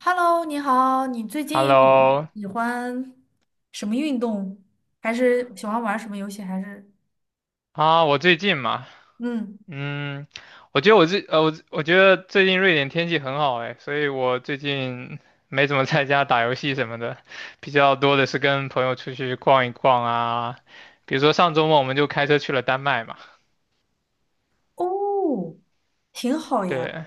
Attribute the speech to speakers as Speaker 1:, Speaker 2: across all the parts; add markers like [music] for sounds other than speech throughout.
Speaker 1: Hello，你好，你最近
Speaker 2: Hello，
Speaker 1: 喜欢什么运动？还是喜欢玩什么游戏？还是
Speaker 2: 啊，我最近嘛，
Speaker 1: 嗯，
Speaker 2: 嗯，我觉得最近瑞典天气很好哎，所以我最近没怎么在家打游戏什么的，比较多的是跟朋友出去逛一逛啊，比如说上周末我们就开车去了丹麦嘛，
Speaker 1: 哦，挺好呀，
Speaker 2: 对，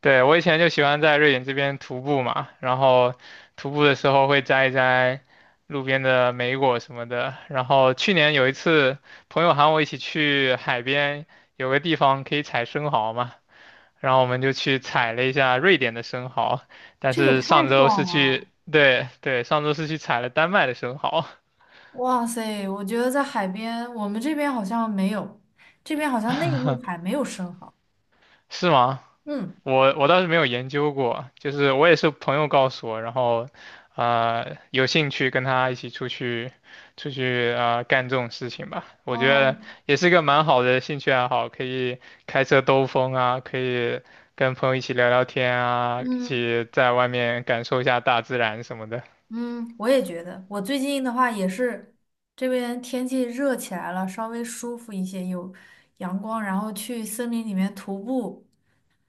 Speaker 2: 对，我以前就喜欢在瑞典这边徒步嘛，然后徒步的时候会摘一摘路边的莓果什么的。然后去年有一次，朋友喊我一起去海边，有个地方可以采生蚝嘛，然后我们就去采了一下瑞典的生蚝。但
Speaker 1: 这也
Speaker 2: 是
Speaker 1: 太
Speaker 2: 上周是
Speaker 1: 爽了！
Speaker 2: 去，对对，上周是去采了丹麦的生蚝，
Speaker 1: 哇塞，我觉得在海边，我们这边好像没有，这边好像内陆海没有生蚝。
Speaker 2: 是吗？
Speaker 1: 嗯，
Speaker 2: 我倒是没有研究过，就是我也是朋友告诉我，然后，有兴趣跟他一起出去啊干这种事情吧。我觉
Speaker 1: 哦，
Speaker 2: 得也是个蛮好的兴趣爱好，可以开车兜风啊，可以跟朋友一起聊聊天啊，一
Speaker 1: 嗯
Speaker 2: 起在外面感受一下大自然什么的。
Speaker 1: 嗯，我也觉得，我最近的话也是，这边天气热起来了，稍微舒服一些，有阳光，然后去森林里面徒步。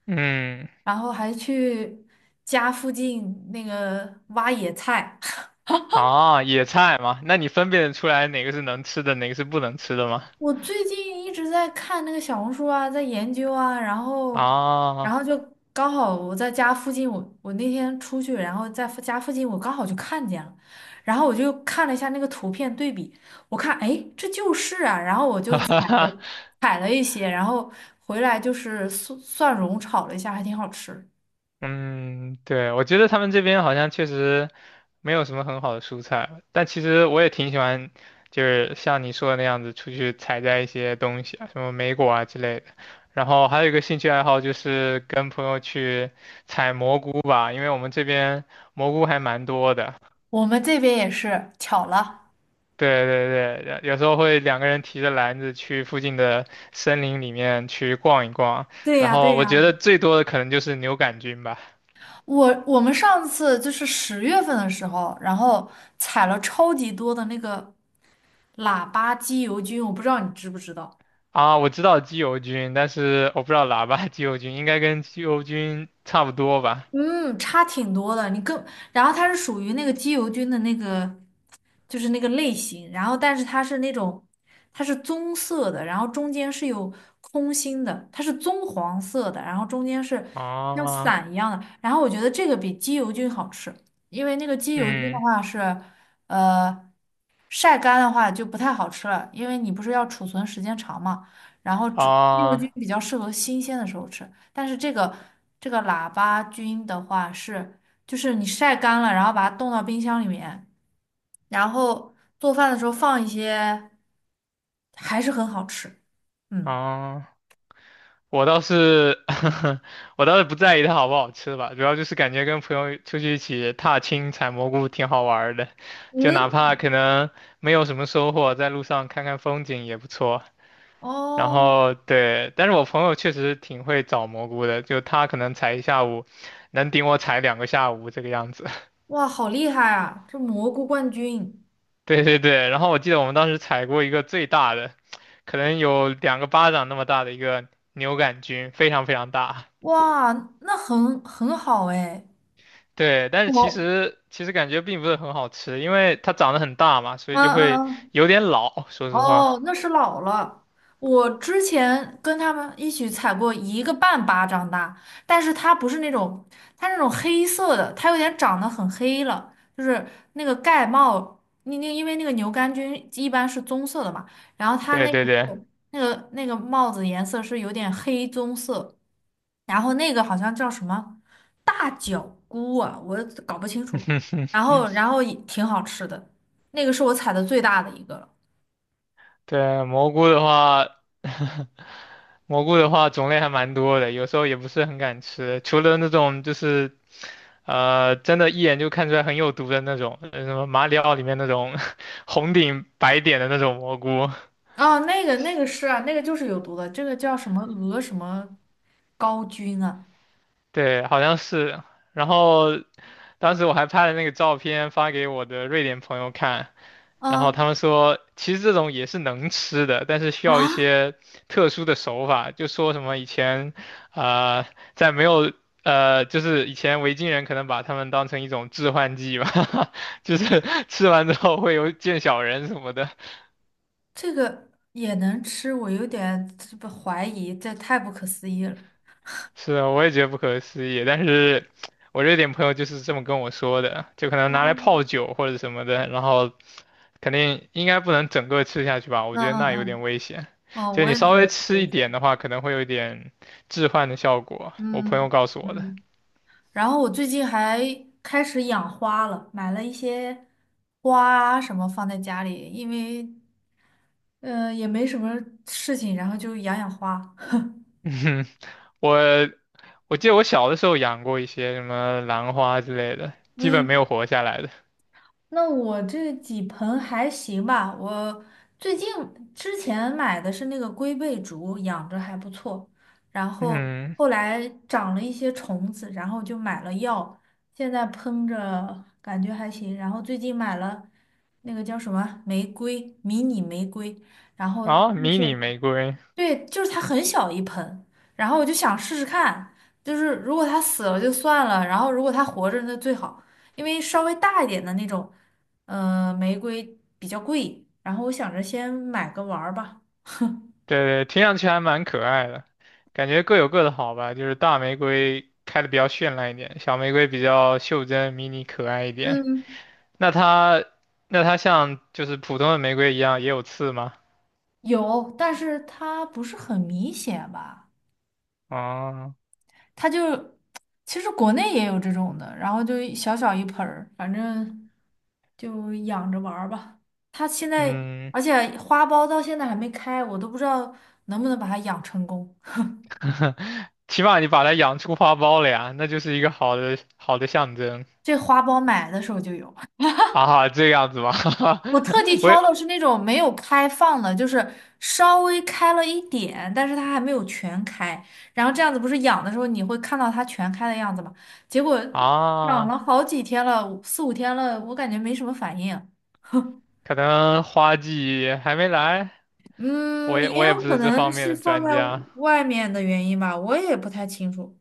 Speaker 2: 嗯，
Speaker 1: 然后还去家附近那个挖野菜。[laughs]
Speaker 2: 啊，野菜嘛，那你分辨得出来哪个是能吃的，哪个是不能吃的吗？
Speaker 1: 我最近一直在看那个小红书啊，在研究啊，然后，然
Speaker 2: 啊，
Speaker 1: 后就
Speaker 2: [laughs]
Speaker 1: 刚好我在家附近，我那天出去，然后在附家附近我刚好就看见了，然后我就看了一下那个图片对比，我看哎这就是啊，然后我
Speaker 2: 哈
Speaker 1: 就采
Speaker 2: 哈。
Speaker 1: 了采了一些，然后回来就是蒜蓉炒了一下，还挺好吃。
Speaker 2: 嗯，对，我觉得他们这边好像确实没有什么很好的蔬菜，但其实我也挺喜欢，就是像你说的那样子，出去采摘一些东西啊，什么莓果啊之类的。然后还有一个兴趣爱好就是跟朋友去采蘑菇吧，因为我们这边蘑菇还蛮多的。
Speaker 1: 我们这边也是巧了。
Speaker 2: 对对对，有时候会两个人提着篮子去附近的森林里面去逛一逛，
Speaker 1: 对
Speaker 2: 然
Speaker 1: 呀，
Speaker 2: 后
Speaker 1: 对
Speaker 2: 我
Speaker 1: 呀。
Speaker 2: 觉得最多的可能就是牛肝菌吧。
Speaker 1: 我们上次就是10月份的时候，然后采了超级多的那个喇叭机油菌，我不知道你知不知道。
Speaker 2: 啊，我知道鸡油菌，但是我不知道喇叭 [laughs] 鸡油菌，应该跟鸡油菌差不多吧？
Speaker 1: 嗯，差挺多的。你更，然后它是属于那个鸡油菌的那个，就是那个类型。然后，但是它是那种，它是棕色的，然后中间是有空心的，它是棕黄色的，然后中间是像
Speaker 2: 啊，
Speaker 1: 伞一样的。然后我觉得这个比鸡油菌好吃，因为那个鸡油菌的
Speaker 2: 嗯，
Speaker 1: 话是，呃，晒干的话就不太好吃了，因为你不是要储存时间长嘛。然后只鸡油
Speaker 2: 啊
Speaker 1: 菌比较适合新鲜的时候吃。但是这个喇叭菌的话是，就是你晒干了，然后把它冻到冰箱里面，然后做饭的时候放一些，还是很好吃。嗯，
Speaker 2: 啊，我倒是 [laughs] 我倒是不在意它好不好吃吧，主要就是感觉跟朋友出去一起踏青采蘑菇挺好玩儿的，就哪怕
Speaker 1: 嗯，
Speaker 2: 可能没有什么收获，在路上看看风景也不错。然
Speaker 1: 哦，
Speaker 2: 后对，但是我朋友确实挺会找蘑菇的，就他可能采一下午，能顶我采两个下午这个样子。
Speaker 1: 哇，好厉害啊！这蘑菇冠军，
Speaker 2: 对对对，然后我记得我们当时采过一个最大的，可能有两个巴掌那么大的一个牛杆菌，非常非常大。
Speaker 1: 哇，那很好哎。
Speaker 2: 对，但是其
Speaker 1: 我，
Speaker 2: 实其实感觉并不是很好吃，因为它长得很大嘛，所以就
Speaker 1: 嗯
Speaker 2: 会
Speaker 1: 嗯嗯。
Speaker 2: 有点老。说实
Speaker 1: 哦，
Speaker 2: 话，
Speaker 1: 那是老了。我之前跟他们一起采过一个半巴掌大，但是它不是那种，它那种黑色的，它有点长得很黑了，就是那个盖帽，那因为那个牛肝菌一般是棕色的嘛，然后它
Speaker 2: 对
Speaker 1: 那个
Speaker 2: 对对，
Speaker 1: 是那个帽子颜色是有点黑棕色，然后那个好像叫什么大脚菇啊，我搞不清楚，然
Speaker 2: [laughs]
Speaker 1: 后然后也挺好吃的，那个是我采的最大的一个了。
Speaker 2: 对蘑菇的话，[laughs] 蘑菇的话种类还蛮多的，有时候也不是很敢吃，除了那种就是真的，一眼就看出来很有毒的那种，什么马里奥里面那种 [laughs] 红顶白点的那种蘑菇，
Speaker 1: 哦，那个是啊，那个就是有毒的，这个叫什么鹅什么高菌啊？
Speaker 2: 对，好像是。然后当时我还拍了那个照片发给我的瑞典朋友看，然后
Speaker 1: 啊
Speaker 2: 他们说，其实这种也是能吃的，但是需要一
Speaker 1: 啊，
Speaker 2: 些特殊的手法，就说什么以前，呃，在没有。就是以前维京人可能把它们当成一种致幻剂吧，[laughs] 就是吃完之后会有见小人什么的。
Speaker 1: 这个也能吃，我有点这不怀疑，这太不可思议了。
Speaker 2: 是啊，我也觉得不可思议，但是我这点朋友就是这么跟我说的，就可能拿来泡
Speaker 1: 哦，
Speaker 2: 酒或者什么的，然后肯定应该不能整个吃下去吧，我
Speaker 1: 嗯
Speaker 2: 觉得那有点
Speaker 1: 嗯
Speaker 2: 危险。
Speaker 1: 嗯，哦，
Speaker 2: 就
Speaker 1: 我
Speaker 2: 你
Speaker 1: 也
Speaker 2: 稍
Speaker 1: 觉
Speaker 2: 微
Speaker 1: 得挺
Speaker 2: 吃一
Speaker 1: 危险
Speaker 2: 点
Speaker 1: 的。
Speaker 2: 的话，可能会有一点致幻的效果，我朋
Speaker 1: 嗯
Speaker 2: 友告诉我的。
Speaker 1: 嗯，然后我最近还开始养花了，买了一些花啊什么放在家里，因为也没什么事情，然后就养养花。[laughs]
Speaker 2: [laughs] 嗯哼我我记得我小的时候养过一些什么兰花之类的，基本没
Speaker 1: 嗯。
Speaker 2: 有活下来的。
Speaker 1: 那我这几盆还行吧，我最近之前买的是那个龟背竹，养着还不错，然后
Speaker 2: 嗯，
Speaker 1: 后来长了一些虫子，然后就买了药，现在喷着感觉还行，然后最近买了那个叫什么玫瑰，迷你玫瑰，然后
Speaker 2: 啊，
Speaker 1: 但
Speaker 2: 迷你
Speaker 1: 是
Speaker 2: 玫瑰，
Speaker 1: 对，就是它很小一盆，然后我就想试试看，就是如果它死了就算了，然后如果它活着那最好，因为稍微大一点的那种，玫瑰比较贵，然后我想着先买个玩儿吧。
Speaker 2: 对，对，听上去还蛮可爱的，感觉各有各的好吧。就是大玫瑰开的比较绚烂一点，小玫瑰比较袖珍、迷你、可爱一点。
Speaker 1: 嗯，
Speaker 2: 那它，那它像就是普通的玫瑰一样也有刺吗？
Speaker 1: 有，但是它不是很明显吧？
Speaker 2: 哦，
Speaker 1: 它就其实国内也有这种的，然后就一小小一盆儿，反正就养着玩儿吧。它现在，
Speaker 2: 嗯，
Speaker 1: 而且花苞到现在还没开，我都不知道能不能把它养成功。
Speaker 2: [laughs] 起码你把它养出花苞了呀，那就是一个好的好的象征
Speaker 1: 这花苞买的时候就有，
Speaker 2: 啊，这样子吧，
Speaker 1: 我特地
Speaker 2: [laughs] 我也
Speaker 1: 挑的是那种没有开放的，就是稍微开了一点，但是它还没有全开。然后这样子不是养的时候你会看到它全开的样子吗？结果养了
Speaker 2: 啊，
Speaker 1: 好几天了，四五天了，我感觉没什么反应。
Speaker 2: 可能花季还没来，我
Speaker 1: 嗯，
Speaker 2: 也
Speaker 1: 也
Speaker 2: 我也不
Speaker 1: 有可
Speaker 2: 是这
Speaker 1: 能
Speaker 2: 方面
Speaker 1: 是
Speaker 2: 的
Speaker 1: 放
Speaker 2: 专
Speaker 1: 在
Speaker 2: 家。
Speaker 1: 外面的原因吧，我也不太清楚。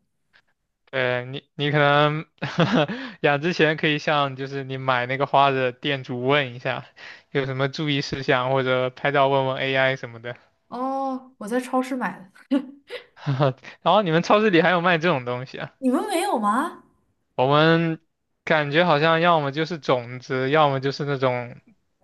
Speaker 2: 你可能 [laughs] 养之前可以向就是你买那个花的店主问一下，有什么注意事项，或者拍照问问 AI 什么的。
Speaker 1: 哦，我在超市买的，
Speaker 2: [laughs] 然后你们超市里还有卖这种东西啊？
Speaker 1: 你们没有吗？
Speaker 2: 我们感觉好像要么就是种子，要么就是那种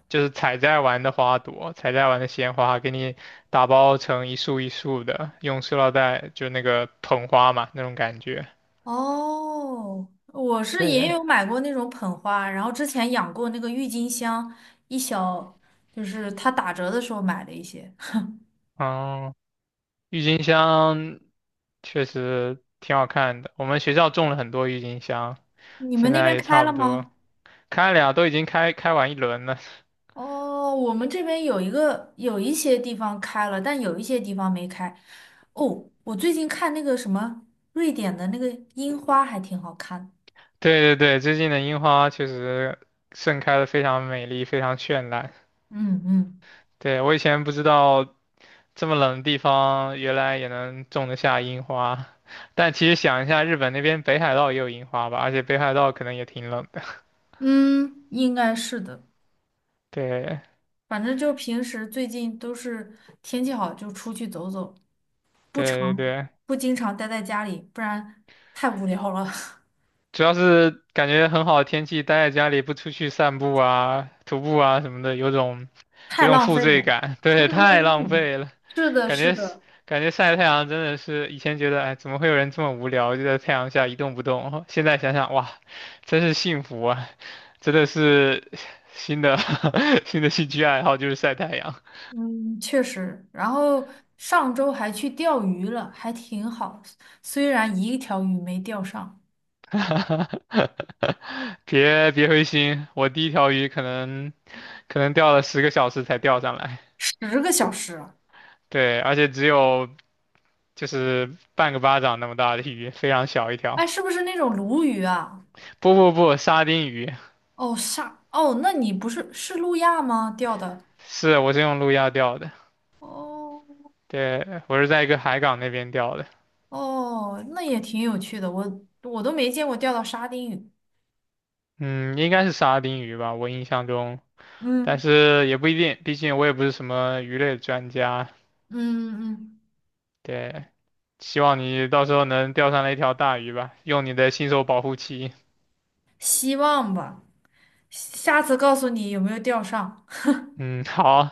Speaker 2: 就是采摘完的花朵，采摘完的鲜花，给你打包成一束一束的，用塑料袋就那个捧花嘛那种感觉。
Speaker 1: 哦，我是也
Speaker 2: 对，
Speaker 1: 有买过那种捧花，然后之前养过那个郁金香，一小，就是它打折的时候买了一些。
Speaker 2: 哦、郁金香确实挺好看的，我们学校种了很多郁金香，
Speaker 1: 你们
Speaker 2: 现
Speaker 1: 那
Speaker 2: 在
Speaker 1: 边
Speaker 2: 也
Speaker 1: 开
Speaker 2: 差
Speaker 1: 了
Speaker 2: 不多
Speaker 1: 吗？
Speaker 2: 开了呀，都已经开开完一轮了。[laughs]
Speaker 1: 哦，我们这边有一个，有一些地方开了，但有一些地方没开。哦，我最近看那个什么瑞典的那个樱花还挺好看的。
Speaker 2: 对对对，最近的樱花确实盛开的非常美丽，非常绚烂。
Speaker 1: 嗯嗯
Speaker 2: 对，我以前不知道这么冷的地方原来也能种得下樱花，但其实想一下，日本那边北海道也有樱花吧，而且北海道可能也挺冷的。[laughs]
Speaker 1: 嗯，应该是的。
Speaker 2: 对
Speaker 1: 反正就平时最近都是天气好就出去走走，不常
Speaker 2: 对对对。
Speaker 1: 不经常待在家里，不然太无聊了，
Speaker 2: 主要是感觉很好的天气，待在家里不出去散步啊、徒步啊什么的，有种
Speaker 1: [laughs]
Speaker 2: 有
Speaker 1: 太
Speaker 2: 种
Speaker 1: 浪
Speaker 2: 负
Speaker 1: 费了。
Speaker 2: 罪感。[laughs]
Speaker 1: 嗯
Speaker 2: 对，太
Speaker 1: 嗯
Speaker 2: 浪
Speaker 1: 嗯，
Speaker 2: 费了，
Speaker 1: 是的，
Speaker 2: 感
Speaker 1: 是
Speaker 2: 觉是
Speaker 1: 的，
Speaker 2: 感觉晒太阳真的是以前觉得，哎，怎么会有人这么无聊，就在太阳下一动不动？现在想想，哇，真是幸福啊！真的是新的 [laughs] 新的兴趣爱好就是晒太阳。
Speaker 1: 嗯，确实。然后上周还去钓鱼了，还挺好，虽然一条鱼没钓上，
Speaker 2: [laughs] 别别灰心，我第一条鱼可能钓了10个小时才钓上来。
Speaker 1: 10个小时啊。
Speaker 2: 对，而且只有就是半个巴掌那么大的鱼，非常小一条。
Speaker 1: 哎，是不是那种鲈鱼啊？
Speaker 2: 不不不，沙丁鱼，
Speaker 1: 哦，那你不是是路亚吗？钓的？
Speaker 2: 是我是用路亚钓的，
Speaker 1: 哦。
Speaker 2: 对，我是在一个海港那边钓的，
Speaker 1: 哦，那也挺有趣的，我都没见过钓到沙丁鱼。
Speaker 2: 嗯，应该是沙丁鱼吧，我印象中，但
Speaker 1: 嗯
Speaker 2: 是也不一定，毕竟我也不是什么鱼类专家，
Speaker 1: 嗯嗯，
Speaker 2: 对，希望你到时候能钓上来一条大鱼吧，用你的新手保护期，
Speaker 1: 希望吧，下次告诉你有没有钓上。
Speaker 2: 嗯，好，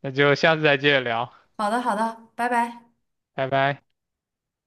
Speaker 2: 那就下次再接着聊，
Speaker 1: 好的好的，拜拜。
Speaker 2: 拜拜。